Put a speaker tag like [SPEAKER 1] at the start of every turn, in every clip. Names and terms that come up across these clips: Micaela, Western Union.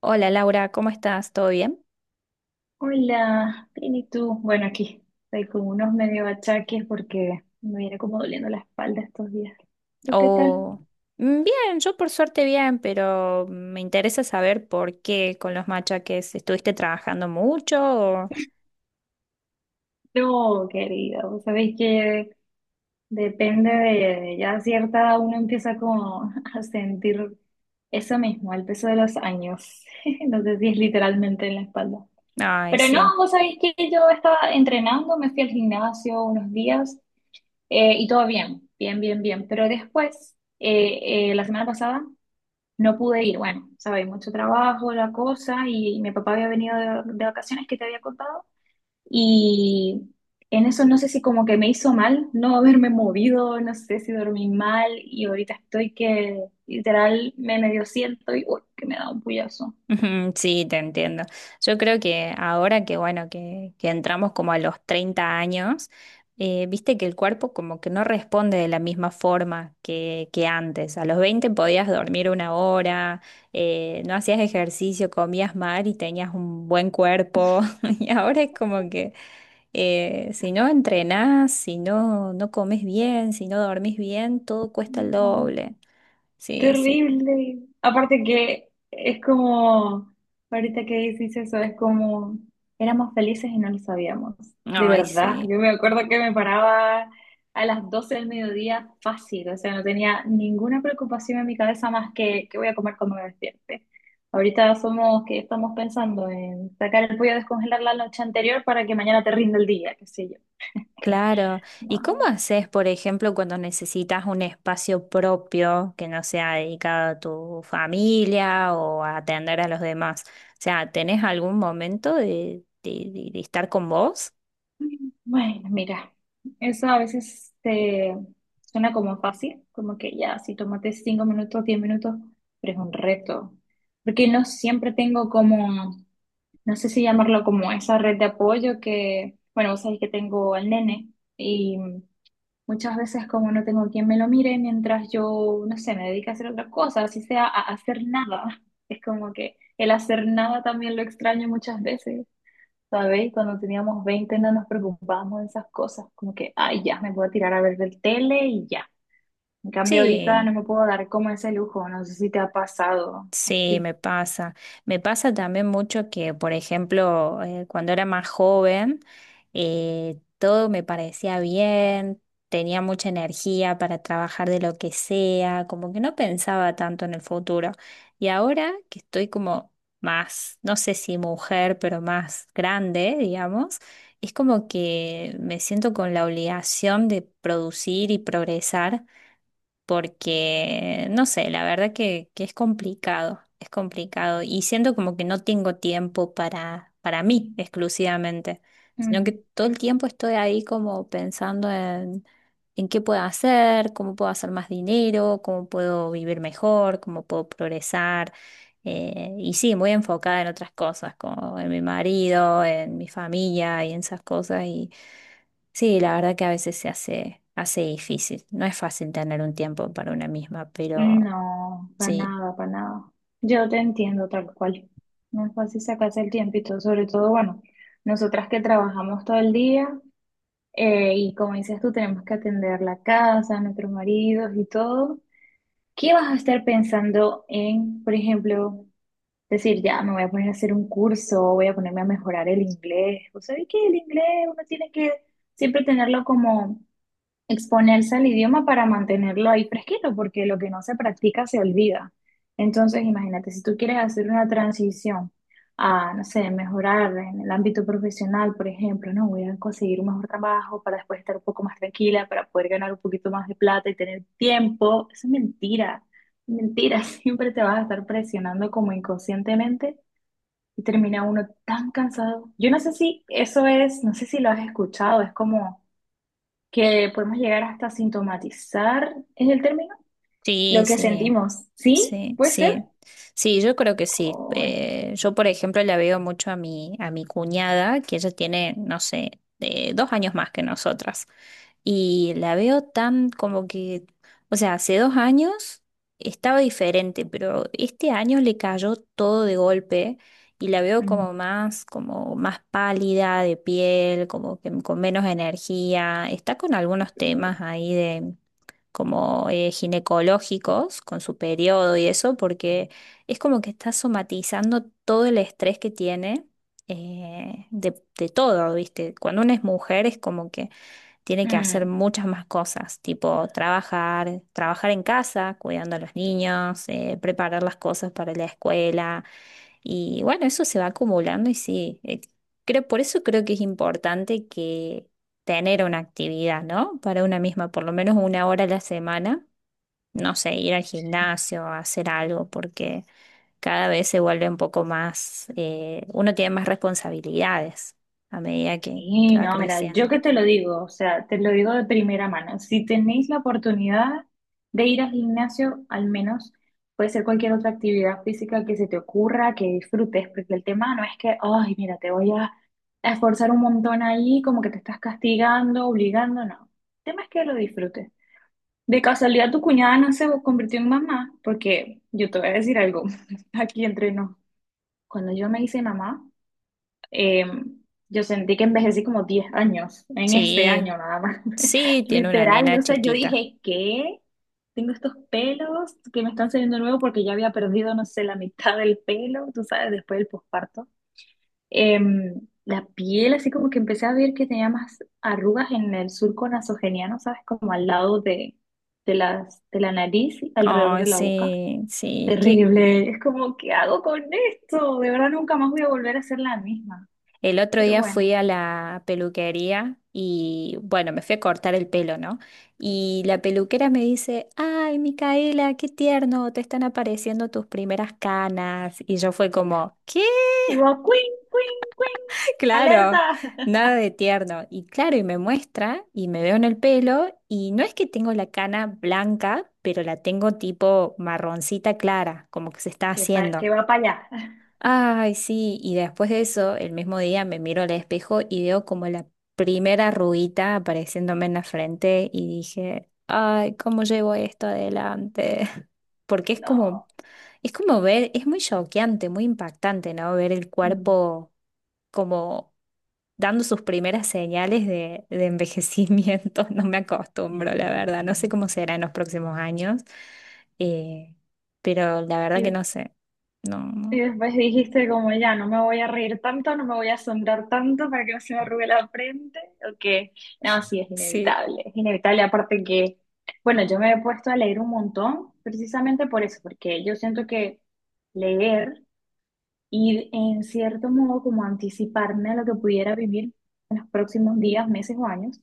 [SPEAKER 1] Hola, Laura, ¿cómo estás? ¿Todo bien?
[SPEAKER 2] Hola, bien, ¿y tú? Bueno, aquí estoy con unos medio achaques porque me viene como doliendo la espalda estos días. ¿Tú qué tal?
[SPEAKER 1] Oh, bien, yo por suerte bien, pero me interesa saber por qué con los machaques estuviste trabajando mucho o...
[SPEAKER 2] No, querida, vos sabéis que depende de ya cierta edad uno empieza como a sentir eso mismo, el peso de los años. No sé si es literalmente en la espalda.
[SPEAKER 1] Ay,
[SPEAKER 2] Pero
[SPEAKER 1] sí.
[SPEAKER 2] no, vos sabéis que yo estaba entrenando, me fui al gimnasio unos días y todo bien, bien, bien, bien. Pero después, la semana pasada No pude ir, bueno, sabéis, mucho trabajo, la cosa, y mi papá había venido de vacaciones que te había contado, y en eso no sé si como que me hizo mal no haberme movido, no sé si dormí mal, y ahorita estoy que literal me medio siento y uy, que me da un puyazo.
[SPEAKER 1] Ujú, sí, te entiendo. Yo creo que ahora que, bueno, que entramos como a los 30 años, viste que el cuerpo como que no responde de la misma forma que antes. A los 20 podías dormir una hora, no hacías ejercicio, comías mal y tenías un buen cuerpo. Y ahora es como que si no entrenás, si no comes bien, si no dormís bien, todo cuesta el doble. Sí, sí.
[SPEAKER 2] Terrible. Aparte que es como, ahorita que dices eso, es como, éramos felices y no lo sabíamos. De
[SPEAKER 1] Ay,
[SPEAKER 2] verdad,
[SPEAKER 1] sí.
[SPEAKER 2] yo me acuerdo que me paraba a las 12 del mediodía fácil, o sea, no tenía ninguna preocupación en mi cabeza más que qué voy a comer cuando me despierte. Ahorita somos que estamos pensando en sacar el pollo a descongelar la noche anterior para que mañana te rinda el día, qué sé yo.
[SPEAKER 1] Claro. ¿Y cómo
[SPEAKER 2] No.
[SPEAKER 1] haces, por ejemplo, cuando necesitas un espacio propio que no sea dedicado a tu familia o a atender a los demás? O sea, ¿tenés algún momento de estar con vos?
[SPEAKER 2] Bueno, mira, eso a veces te suena como fácil, como que ya, si tomate 5 minutos, 10 minutos, pero es un reto, porque no siempre tengo como, no sé si llamarlo como esa red de apoyo que, bueno, vos sabés que tengo al nene y muchas veces como no tengo quien me lo mire mientras yo, no sé, me dedico a hacer otra cosa, así sea a hacer nada, es como que el hacer nada también lo extraño muchas veces. ¿Sabéis? Cuando teníamos 20 no nos preocupábamos de esas cosas, como que, ay, ya, me puedo tirar a ver del tele y ya. En cambio, ahorita
[SPEAKER 1] Sí.
[SPEAKER 2] no me puedo dar como ese lujo, no sé si te ha pasado
[SPEAKER 1] Sí,
[SPEAKER 2] así.
[SPEAKER 1] me pasa. Me pasa también mucho que, por ejemplo, cuando era más joven, todo me parecía bien, tenía mucha energía para trabajar de lo que sea, como que no pensaba tanto en el futuro. Y ahora que estoy como más, no sé si mujer, pero más grande, digamos, es como que me siento con la obligación de producir y progresar porque, no sé, la verdad que es complicado y siento como que no tengo tiempo para mí exclusivamente, sino que
[SPEAKER 2] Mm.
[SPEAKER 1] todo el tiempo estoy ahí como pensando en qué puedo hacer, cómo puedo hacer más dinero, cómo puedo vivir mejor, cómo puedo progresar. Y sí, muy enfocada en otras cosas, como en mi marido, en mi familia y en esas cosas. Sí, la verdad que a veces se hace difícil. No es fácil tener un tiempo para una misma, pero
[SPEAKER 2] No, para
[SPEAKER 1] sí,
[SPEAKER 2] nada, para nada. Yo te entiendo tal cual. No es fácil sacarse el tiempito, sobre todo, bueno, nosotras que trabajamos todo el día y como dices tú, tenemos que atender la casa, nuestros maridos y todo. ¿Qué vas a estar pensando en, por ejemplo, decir, ya me voy a poner a hacer un curso, voy a ponerme a mejorar el inglés? ¿Vos sabés que el inglés uno tiene que siempre tenerlo como exponerse al idioma para mantenerlo ahí fresquito, porque lo que no se practica se olvida? Entonces, imagínate, si tú quieres hacer una transición a, no sé, mejorar en el ámbito profesional, por ejemplo, no voy a conseguir un mejor trabajo para después estar un poco más tranquila, para poder ganar un poquito más de plata y tener tiempo, eso es mentira. Mentira, siempre te vas a estar presionando como inconscientemente y termina uno tan cansado. Yo no sé si eso es, no sé si lo has escuchado, es como que podemos llegar hasta sintomatizar, ¿es el término?
[SPEAKER 1] sí,
[SPEAKER 2] Lo que
[SPEAKER 1] sí.
[SPEAKER 2] sentimos, ¿sí?
[SPEAKER 1] Sí,
[SPEAKER 2] ¿Puede ser?
[SPEAKER 1] sí, sí, yo creo que sí.
[SPEAKER 2] Ay,
[SPEAKER 1] Yo, por ejemplo, la veo mucho a mi cuñada, que ella tiene, no sé, dos años más que nosotras. Y la veo tan como que, o sea, hace dos años estaba diferente, pero este año le cayó todo de golpe y la veo
[SPEAKER 2] mm,
[SPEAKER 1] como más pálida de piel, como que con menos energía. Está con algunos
[SPEAKER 2] yo-
[SPEAKER 1] temas ahí como ginecológicos con su periodo y eso, porque es como que está somatizando todo el estrés que tiene de todo, ¿viste? Cuando una es mujer es como que tiene que hacer
[SPEAKER 2] mm,
[SPEAKER 1] muchas más cosas, tipo trabajar, trabajar en casa, cuidando a los niños, preparar las cosas para la escuela. Y bueno, eso se va acumulando y sí, por eso creo que es importante que tener una actividad, ¿no? Para una misma, por lo menos una hora a la semana, no sé, ir al gimnasio, hacer algo, porque cada vez se vuelve un poco más, uno tiene más responsabilidades a medida que
[SPEAKER 2] sí,
[SPEAKER 1] va
[SPEAKER 2] no, mira, yo
[SPEAKER 1] creciendo.
[SPEAKER 2] que te lo digo, o sea, te lo digo de primera mano. Si tenéis la oportunidad de ir al gimnasio, al menos puede ser cualquier otra actividad física que se te ocurra, que disfrutes, porque el tema no es que, ay, mira, te voy a esforzar un montón ahí, como que te estás castigando, obligando, no. El tema es que lo disfrutes. De casualidad, tu cuñada no se convirtió en mamá, porque yo te voy a decir algo, aquí entre nos. Cuando yo me hice mamá, eh, yo sentí que envejecí como 10 años, en este
[SPEAKER 1] Sí.
[SPEAKER 2] año nada más.
[SPEAKER 1] Sí, tiene una
[SPEAKER 2] Literal,
[SPEAKER 1] nena
[SPEAKER 2] o sea, yo
[SPEAKER 1] chiquita.
[SPEAKER 2] dije, ¿qué? Tengo estos pelos que me están saliendo nuevos porque ya había perdido, no sé, la mitad del pelo, tú sabes, después del posparto la piel, así como que empecé a ver que tenía más arrugas en el surco nasogeniano, ¿sabes? Como al lado de la nariz, y alrededor
[SPEAKER 1] Ay,
[SPEAKER 2] de la boca.
[SPEAKER 1] sí, sí. Que
[SPEAKER 2] Terrible, es como, ¿qué hago con esto? De verdad nunca más voy a volver a ser la misma.
[SPEAKER 1] el otro
[SPEAKER 2] Pero
[SPEAKER 1] día fui
[SPEAKER 2] bueno,
[SPEAKER 1] a la peluquería y bueno, me fui a cortar el pelo, ¿no? Y la peluquera me dice, ay, Micaela, qué tierno, te están apareciendo tus primeras canas. Y yo fue como, ¿qué?
[SPEAKER 2] igual, queen, queen, queen,
[SPEAKER 1] Claro,
[SPEAKER 2] alerta,
[SPEAKER 1] nada de tierno. Y claro, y me muestra y me veo en el pelo y no es que tengo la cana blanca, pero la tengo tipo marroncita clara, como que se está
[SPEAKER 2] que,
[SPEAKER 1] haciendo.
[SPEAKER 2] que va para allá.
[SPEAKER 1] Ay, sí, y después de eso, el mismo día me miro al espejo y veo como la primera arruguita apareciéndome en la frente y dije, ay, ¿cómo llevo esto adelante? Porque
[SPEAKER 2] No.
[SPEAKER 1] es como ver, es muy choqueante, muy impactante, ¿no? Ver el
[SPEAKER 2] Mm.
[SPEAKER 1] cuerpo como dando sus primeras señales de envejecimiento. No me acostumbro, la verdad. No sé
[SPEAKER 2] Mm,
[SPEAKER 1] cómo será en los próximos años, eh, pero la verdad que
[SPEAKER 2] ¿Y,
[SPEAKER 1] no sé. No, no.
[SPEAKER 2] Y después dijiste como ya, no me voy a reír tanto, no me voy a asombrar tanto para que no se me arrugue la frente, o que, no, sí,
[SPEAKER 1] Sí.
[SPEAKER 2] es inevitable, aparte que, bueno, yo me he puesto a leer un montón precisamente por eso, porque yo siento que leer y en cierto modo como anticiparme a lo que pudiera vivir en los próximos días, meses o años,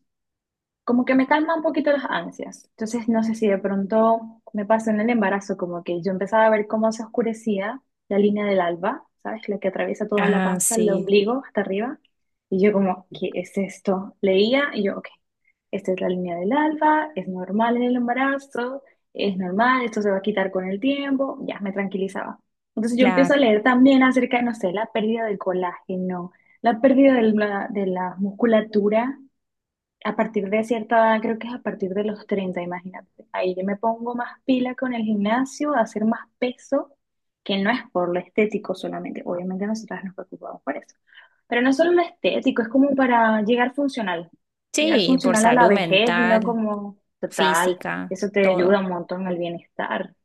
[SPEAKER 2] como que me calma un poquito las ansias. Entonces, no sé si de pronto me pasó en el embarazo, como que yo empezaba a ver cómo se oscurecía la línea del alba, ¿sabes? La que atraviesa toda la
[SPEAKER 1] Ah,
[SPEAKER 2] panza, el
[SPEAKER 1] sí,
[SPEAKER 2] ombligo hasta arriba. Y yo como, ¿qué es esto? Leía y yo, ok, esta es la línea del alba, es normal en el embarazo, es normal, esto se va a quitar con el tiempo, ya me tranquilizaba. Entonces yo empiezo a
[SPEAKER 1] claro.
[SPEAKER 2] leer también acerca de, no sé, la pérdida del colágeno, la pérdida de la musculatura a partir de cierta edad, creo que es a partir de los 30 imagínate. Ahí yo me pongo más pila con el gimnasio, a hacer más peso, que no es por lo estético solamente. Obviamente nosotras nos preocupamos por eso. Pero no solo lo estético, es como para llegar funcional. Llegar
[SPEAKER 1] Sí, por
[SPEAKER 2] funcional a la
[SPEAKER 1] salud
[SPEAKER 2] vejez y no
[SPEAKER 1] mental,
[SPEAKER 2] como total.
[SPEAKER 1] física,
[SPEAKER 2] Eso te ayuda
[SPEAKER 1] todo.
[SPEAKER 2] un montón al bienestar.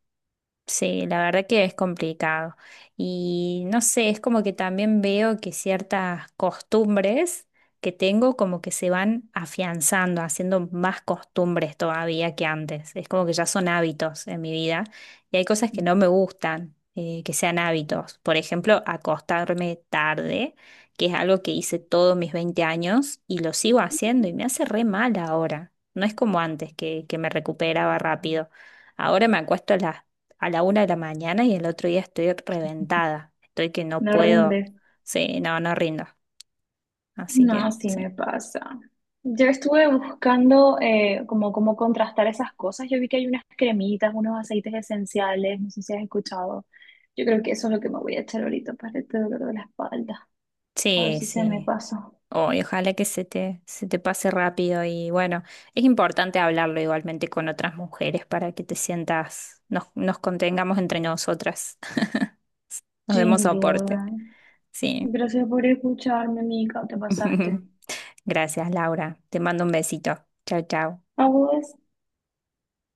[SPEAKER 1] Sí, la verdad que es complicado. Y no sé, es como que también veo que ciertas costumbres que tengo como que se van afianzando, haciendo más costumbres todavía que antes. Es como que ya son hábitos en mi vida y hay cosas que no
[SPEAKER 2] Mm.
[SPEAKER 1] me gustan que sean hábitos. Por ejemplo, acostarme tarde, que es algo que hice todos mis 20 años y lo sigo haciendo y me hace re mal ahora. No es como antes que me recuperaba rápido. Ahora me acuesto a la una de la mañana y el otro día estoy reventada. Estoy que no
[SPEAKER 2] No
[SPEAKER 1] puedo.
[SPEAKER 2] rindes.
[SPEAKER 1] Sí, no, no rindo. Así
[SPEAKER 2] No,
[SPEAKER 1] que
[SPEAKER 2] sí
[SPEAKER 1] sí.
[SPEAKER 2] me pasa. Yo estuve buscando como cómo contrastar esas cosas. Yo vi que hay unas cremitas, unos aceites esenciales, no sé si has escuchado. Yo creo que eso es lo que me voy a echar ahorita para este dolor de la espalda. A ver
[SPEAKER 1] Sí,
[SPEAKER 2] si se me
[SPEAKER 1] sí.
[SPEAKER 2] pasa.
[SPEAKER 1] Oh, y ojalá que se te pase rápido y bueno, es importante hablarlo igualmente con otras mujeres para que nos contengamos entre nosotras, nos demos
[SPEAKER 2] Sin
[SPEAKER 1] soporte.
[SPEAKER 2] duda.
[SPEAKER 1] Sí.
[SPEAKER 2] Gracias por escucharme, Mica. Te pasaste.
[SPEAKER 1] Gracias, Laura. Te mando un besito. Chao, chao.
[SPEAKER 2] ¿A vos?